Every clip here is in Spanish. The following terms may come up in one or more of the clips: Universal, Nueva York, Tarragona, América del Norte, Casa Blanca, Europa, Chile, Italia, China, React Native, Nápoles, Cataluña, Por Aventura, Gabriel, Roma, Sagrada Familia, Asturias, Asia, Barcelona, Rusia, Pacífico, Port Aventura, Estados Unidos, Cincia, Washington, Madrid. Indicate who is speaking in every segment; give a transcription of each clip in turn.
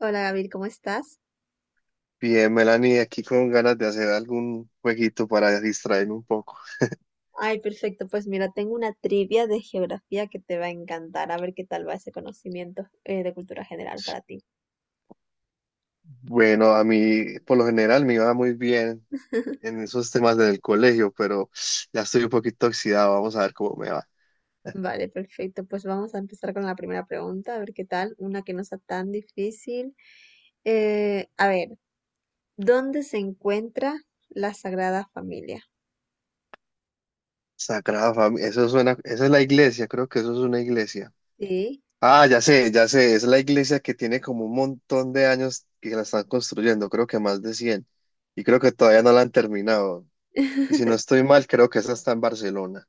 Speaker 1: Hola Gabriel, ¿cómo estás?
Speaker 2: Bien, Melanie, aquí con ganas de hacer algún jueguito para distraerme un poco.
Speaker 1: Ay, perfecto. Pues mira, tengo una trivia de geografía que te va a encantar. A ver qué tal va ese conocimiento de cultura general para ti.
Speaker 2: Bueno, a mí por lo general me iba muy bien en esos temas del colegio, pero ya estoy un poquito oxidado, vamos a ver cómo me va.
Speaker 1: Vale, perfecto. Pues vamos a empezar con la primera pregunta, a ver qué tal. Una que no sea tan difícil. A ver, ¿dónde se encuentra la Sagrada Familia?
Speaker 2: Sagrada Familia, eso suena, esa es la iglesia, creo que eso es una iglesia.
Speaker 1: Sí,
Speaker 2: Ah, ya sé, es la iglesia que tiene como un montón de años que la están construyendo, creo que más de 100 y creo que todavía no la han terminado. Y si no estoy mal, creo que esa está en Barcelona.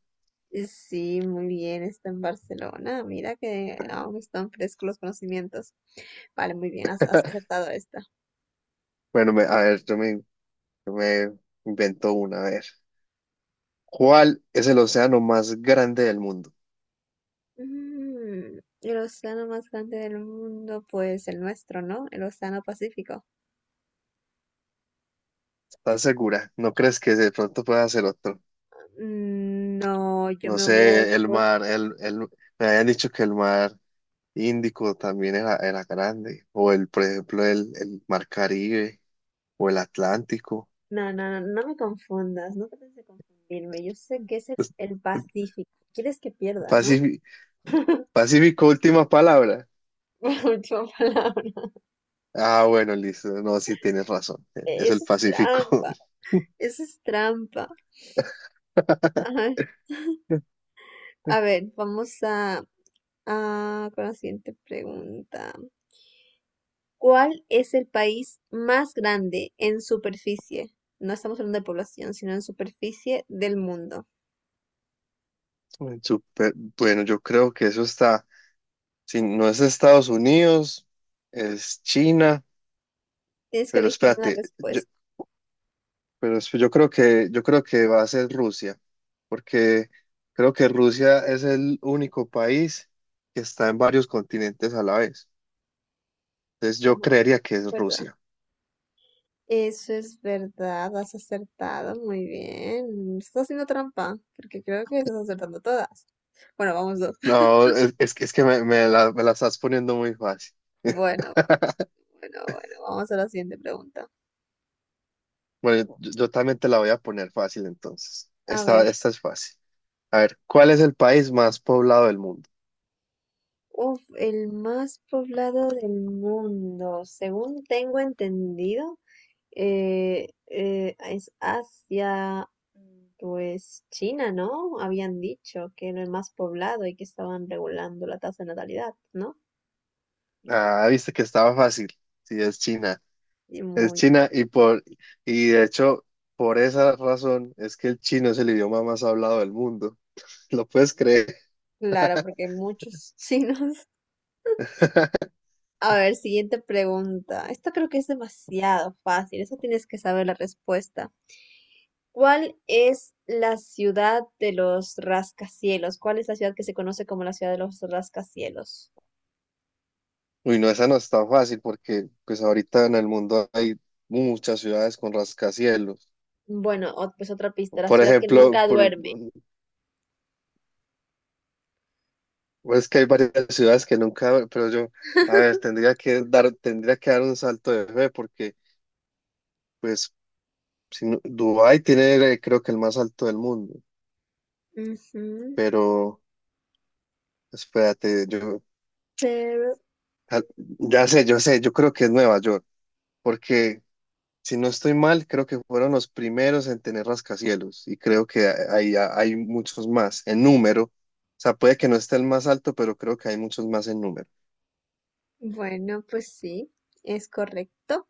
Speaker 1: sí, muy bien. Está en Barcelona. Mira que aún están frescos los conocimientos. Vale, muy bien, has acertado esta.
Speaker 2: Bueno, a ver, yo me invento una, a ver. ¿Cuál es el océano más grande del mundo?
Speaker 1: El océano más grande del mundo, pues el nuestro, ¿no? El océano Pacífico.
Speaker 2: ¿Estás segura? ¿No crees que de pronto pueda ser otro?
Speaker 1: No, yo
Speaker 2: No
Speaker 1: me voy
Speaker 2: sé, el
Speaker 1: por.
Speaker 2: mar, el, el, me habían dicho que el mar Índico también era grande, o el, por ejemplo, el mar Caribe, o el Atlántico.
Speaker 1: No, no, no, no me confundas, no trates de confundirme. Yo sé que es el Pacífico. Quieres que pierda, ¿no?
Speaker 2: Pacífico, Pacífico, última palabra.
Speaker 1: Última palabra.
Speaker 2: Ah, bueno, listo. No, sí tienes razón. Es
Speaker 1: Eso
Speaker 2: el
Speaker 1: es
Speaker 2: Pacífico.
Speaker 1: trampa, eso es trampa. Ay, a ver, vamos a con la siguiente pregunta. ¿Cuál es el país más grande en superficie? No estamos hablando de población, sino en superficie del mundo.
Speaker 2: Súper. Bueno, yo creo que eso está. Si no es Estados Unidos, es China.
Speaker 1: Tienes que
Speaker 2: Pero
Speaker 1: elegir una
Speaker 2: espérate, yo,
Speaker 1: respuesta.
Speaker 2: yo creo que va a ser Rusia, porque creo que Rusia es el único país que está en varios continentes a la vez. Entonces yo
Speaker 1: Bu-
Speaker 2: creería que es
Speaker 1: ¿Verdad?
Speaker 2: Rusia.
Speaker 1: Eso es verdad, has acertado muy bien. Estás haciendo trampa, porque creo que estás acertando todas. Bueno, vamos dos.
Speaker 2: No, es que me, me la estás poniendo muy fácil.
Speaker 1: Bueno, bueno, bueno, vamos a la siguiente pregunta.
Speaker 2: Bueno, yo también te la voy a poner fácil entonces.
Speaker 1: A
Speaker 2: Esta,
Speaker 1: ver,
Speaker 2: esta es fácil. A ver, ¿cuál es el país más poblado del mundo?
Speaker 1: uf, el más poblado del mundo, según tengo entendido. Es Asia, pues China, ¿no? Habían dicho que era el más poblado y que estaban regulando la tasa de natalidad, ¿no?
Speaker 2: Ah, viste que estaba fácil. Sí, es China.
Speaker 1: Y
Speaker 2: Es
Speaker 1: muy
Speaker 2: China y de hecho, por esa razón es que el chino es el idioma más hablado del mundo. ¿Lo puedes creer?
Speaker 1: claro, porque hay muchos chinos. A ver, siguiente pregunta. Esta creo que es demasiado fácil, eso tienes que saber la respuesta. ¿Cuál es la ciudad de los rascacielos? ¿Cuál es la ciudad que se conoce como la ciudad de los rascacielos?
Speaker 2: Uy, no, esa no es tan fácil porque pues ahorita en el mundo hay muchas ciudades con rascacielos.
Speaker 1: Bueno, pues otra pista, la
Speaker 2: Por
Speaker 1: ciudad que
Speaker 2: ejemplo,
Speaker 1: nunca
Speaker 2: por-
Speaker 1: duerme.
Speaker 2: Pues que hay varias ciudades que nunca, pero yo, a ver, tendría que dar un salto de fe porque, pues, si Dubái tiene, creo que el más alto del mundo,
Speaker 1: Ujú,
Speaker 2: pero espérate, yo,
Speaker 1: pero
Speaker 2: ah, ya sé, yo creo que es Nueva York, porque si no estoy mal, creo que fueron los primeros en tener rascacielos y creo que hay muchos más en número, o sea, puede que no esté el más alto, pero creo que hay muchos más en número.
Speaker 1: bueno, pues sí, es correcto.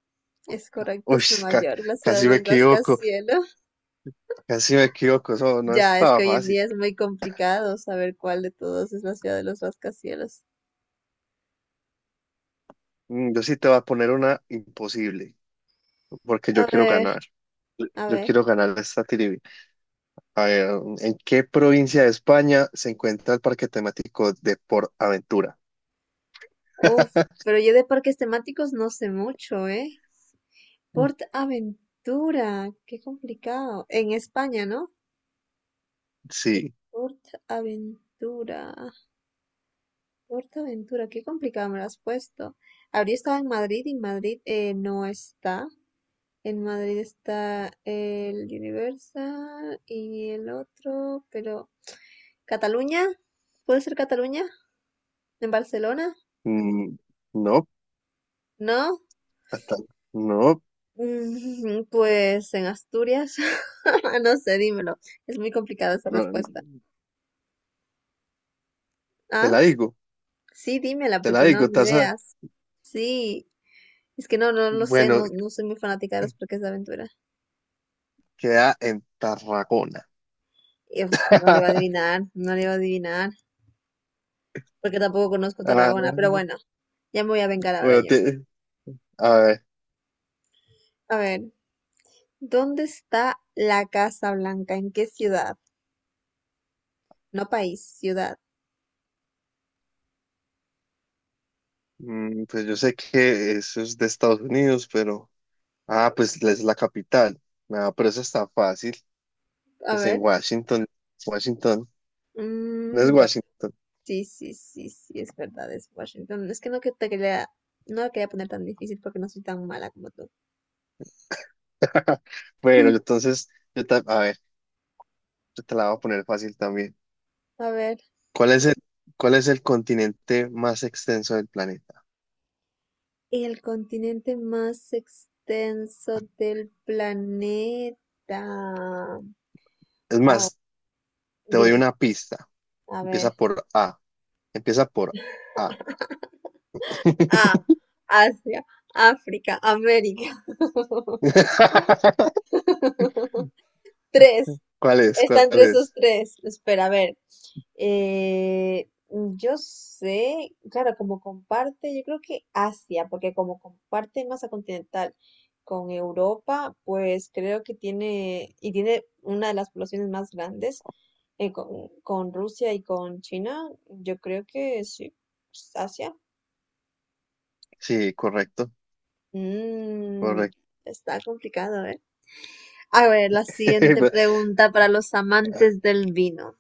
Speaker 1: Es correcto,
Speaker 2: Uy,
Speaker 1: es Nueva
Speaker 2: ca-
Speaker 1: York, la ciudad
Speaker 2: casi
Speaker 1: de
Speaker 2: me
Speaker 1: los
Speaker 2: equivoco.
Speaker 1: rascacielos.
Speaker 2: Casi si me equivoco, eso no
Speaker 1: Ya, es que
Speaker 2: estaba
Speaker 1: hoy en
Speaker 2: fácil.
Speaker 1: día es muy complicado saber cuál de todos es la ciudad de los rascacielos.
Speaker 2: Yo sí te voy a poner una imposible, porque
Speaker 1: A
Speaker 2: yo quiero
Speaker 1: ver,
Speaker 2: ganar.
Speaker 1: a
Speaker 2: Yo
Speaker 1: ver.
Speaker 2: quiero ganar esta trivia. A ver, ¿en qué provincia de España se encuentra el parque temático de Por Aventura?
Speaker 1: Uf, pero yo de parques temáticos no sé mucho, ¿eh? Port Aventura, qué complicado. En España, ¿no? El
Speaker 2: Sí,
Speaker 1: Port Aventura. Ventura, qué complicado me lo has puesto. Habría estado en Madrid y en Madrid no está. En Madrid está el Universal y el otro, pero. ¿Cataluña? ¿Puede ser Cataluña? ¿En Barcelona?
Speaker 2: Mm, no,
Speaker 1: ¿No?
Speaker 2: hasta- no,
Speaker 1: Pues en Asturias. No sé, dímelo. Es muy complicada esa
Speaker 2: no,
Speaker 1: respuesta.
Speaker 2: te
Speaker 1: ¿Ah?
Speaker 2: la digo,
Speaker 1: Sí, dímela,
Speaker 2: te la
Speaker 1: porque no,
Speaker 2: digo,
Speaker 1: ni
Speaker 2: taza.
Speaker 1: ideas. Sí, es que no, no lo sé,
Speaker 2: Bueno,
Speaker 1: no, no soy muy fanática de los parques de aventura.
Speaker 2: queda en Tarragona.
Speaker 1: Uf, no le iba a adivinar, no le iba a adivinar, porque tampoco conozco
Speaker 2: Ah,
Speaker 1: Tarragona, pero bueno, ya me voy a vengar ahora
Speaker 2: bueno,
Speaker 1: yo.
Speaker 2: a ver.
Speaker 1: A ver, ¿dónde está la Casa Blanca? ¿En qué ciudad? No país, ciudad.
Speaker 2: Mm, pues yo sé que eso es de Estados Unidos, pero... Ah, pues es la capital. No, pero eso está fácil.
Speaker 1: A
Speaker 2: Pues en
Speaker 1: ver,
Speaker 2: Washington. Washington. No es
Speaker 1: bueno,
Speaker 2: Washington.
Speaker 1: sí, sí, sí, sí, es verdad, es Washington. Es que no que te quería, no la quería poner tan difícil porque no soy tan mala como tú.
Speaker 2: Bueno, entonces, a ver, yo te la voy a poner fácil también.
Speaker 1: A ver,
Speaker 2: ¿Cuál es el, ¿cuál es el continente más extenso del planeta?
Speaker 1: el continente más extenso del planeta.
Speaker 2: Es
Speaker 1: Wow,
Speaker 2: más, te doy
Speaker 1: dime,
Speaker 2: una pista.
Speaker 1: a ver.
Speaker 2: Empieza por A. Empieza por A.
Speaker 1: A, Asia, África, América. Tres.
Speaker 2: ¿Cuál es?
Speaker 1: Está
Speaker 2: ¿Cuál
Speaker 1: entre esos
Speaker 2: es?
Speaker 1: tres. Espera, a ver. Yo sé, claro, como comparte, yo creo que Asia, porque como comparte masa continental con Europa, pues creo que tiene, y tiene una de las poblaciones más grandes con Rusia y con China, yo creo que sí, pues, Asia.
Speaker 2: Sí, correcto,
Speaker 1: Mm,
Speaker 2: correcto.
Speaker 1: está complicado, ¿eh? A ver, la siguiente pregunta para los amantes del vino.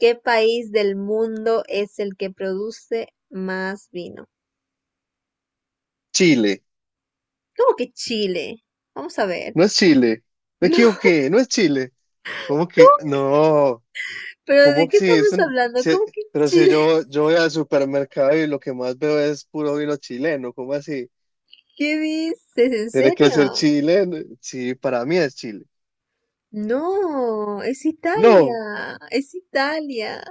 Speaker 1: ¿Qué país del mundo es el que produce más vino?
Speaker 2: Chile.
Speaker 1: ¿Cómo que Chile? Vamos a ver.
Speaker 2: No es Chile. Me
Speaker 1: No,
Speaker 2: equivoqué, no es Chile. ¿Cómo que?
Speaker 1: ¿cómo?
Speaker 2: No.
Speaker 1: ¿Pero de
Speaker 2: ¿Cómo que
Speaker 1: qué
Speaker 2: si es
Speaker 1: estamos
Speaker 2: un-
Speaker 1: hablando?
Speaker 2: si-
Speaker 1: ¿Cómo que
Speaker 2: pero si
Speaker 1: Chile?
Speaker 2: yo, yo voy al supermercado y lo que más veo es puro vino chileno, ¿cómo así?
Speaker 1: ¿Qué dices? ¿En
Speaker 2: Tiene que ser
Speaker 1: serio?
Speaker 2: chileno. Sí, para mí es Chile.
Speaker 1: No, es
Speaker 2: No,
Speaker 1: Italia, es Italia.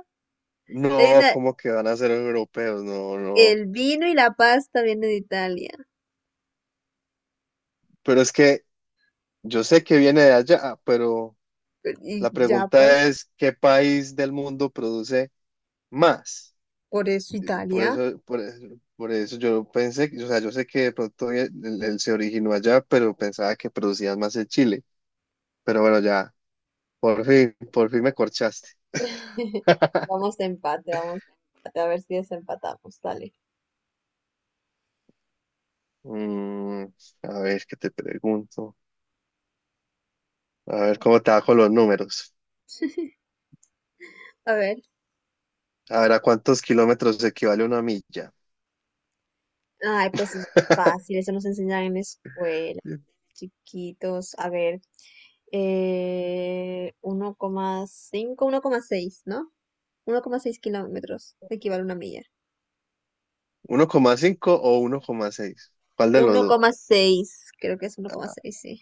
Speaker 1: Hay
Speaker 2: no,
Speaker 1: una-
Speaker 2: ¿cómo que van a ser europeos? No, no.
Speaker 1: el vino y la pasta vienen de Italia.
Speaker 2: Pero es que yo sé que viene de allá, pero
Speaker 1: Y
Speaker 2: la
Speaker 1: ya pues,
Speaker 2: pregunta es, ¿qué país del mundo produce más?
Speaker 1: por eso
Speaker 2: Por
Speaker 1: Italia.
Speaker 2: eso, por, por eso yo pensé, o sea, yo sé que de pronto se originó allá, pero pensaba que producían más en Chile. Pero bueno, ya, por fin me corchaste.
Speaker 1: Vamos a empate, vamos de empate, a ver si desempatamos, dale.
Speaker 2: Mm, a ver, ¿qué te pregunto? A ver, ¿cómo te bajo los números?
Speaker 1: A ver.
Speaker 2: A ver, ¿a cuántos kilómetros equivale una milla?
Speaker 1: Ay, pues es fácil, eso nos enseñan en la escuela, chiquitos. A ver, 1,5, 1,6 ¿no? 1,6 kilómetros equivale a una milla.
Speaker 2: ¿1,5 o 1,6? ¿Cuál de los
Speaker 1: uno
Speaker 2: dos?
Speaker 1: coma seis creo que es 1,6 sí.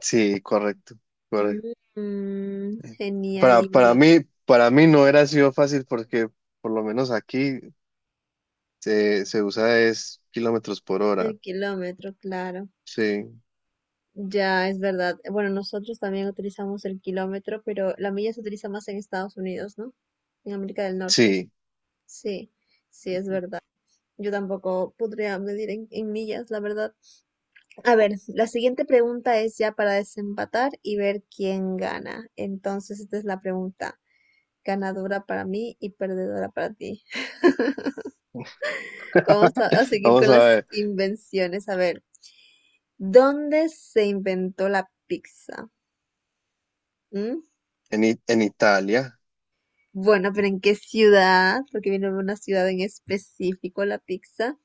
Speaker 2: Sí, correcto, correcto.
Speaker 1: Genial, y bueno,
Speaker 2: Para mí no era sido fácil porque por lo menos aquí se usa es kilómetros por hora.
Speaker 1: el kilómetro, claro.
Speaker 2: Sí,
Speaker 1: Ya, es verdad. Bueno, nosotros también utilizamos el kilómetro, pero la milla se utiliza más en Estados Unidos, ¿no? En América del Norte.
Speaker 2: sí.
Speaker 1: Sí, sí, es verdad. Yo tampoco podría medir en millas, la verdad. A ver, la siguiente pregunta es ya para desempatar y ver quién gana. Entonces, esta es la pregunta. Ganadora para mí y perdedora para ti. Vamos a seguir
Speaker 2: Vamos
Speaker 1: con
Speaker 2: a
Speaker 1: las
Speaker 2: ver,
Speaker 1: invenciones. A ver, ¿dónde se inventó la pizza? ¿Mm?
Speaker 2: en, en Italia.
Speaker 1: Bueno, pero ¿en qué ciudad? Porque viene de una ciudad en específico la pizza.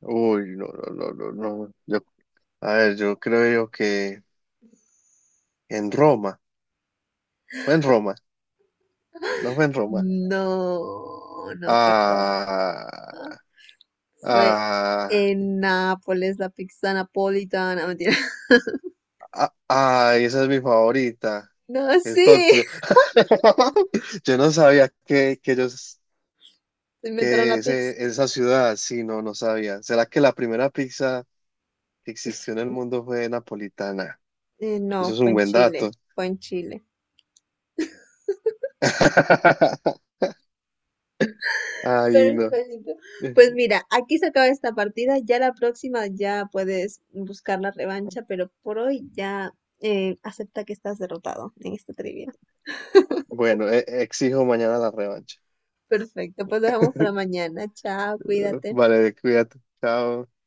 Speaker 2: Uy, no, no, no, no, no. Yo, a ver, yo creo yo que en Roma. Fue en Roma, no fue en Roma.
Speaker 1: No, no fue en Roma.
Speaker 2: Ah,
Speaker 1: Fue
Speaker 2: ah,
Speaker 1: en Nápoles, la pizza napolitana. Mentira.
Speaker 2: ah, ay, esa es mi favorita.
Speaker 1: No,
Speaker 2: Qué
Speaker 1: sí.
Speaker 2: tonto. Yo no sabía que ellos,
Speaker 1: Se inventaron la pizza.
Speaker 2: esa ciudad, sí, no, no sabía. ¿Será que la primera pizza que existió en el mundo fue napolitana? Eso
Speaker 1: No,
Speaker 2: es
Speaker 1: fue
Speaker 2: un
Speaker 1: en
Speaker 2: buen
Speaker 1: Chile.
Speaker 2: dato.
Speaker 1: Fue en Chile.
Speaker 2: Ay, no.
Speaker 1: Perfecto. Pues mira, aquí se acaba esta partida. Ya la próxima ya puedes buscar la revancha, pero por hoy ya acepta que estás derrotado en esta trivia.
Speaker 2: Bueno, exijo mañana la revancha.
Speaker 1: Perfecto, pues lo dejamos para mañana. Chao, cuídate.
Speaker 2: Vale, cuídate. Chao.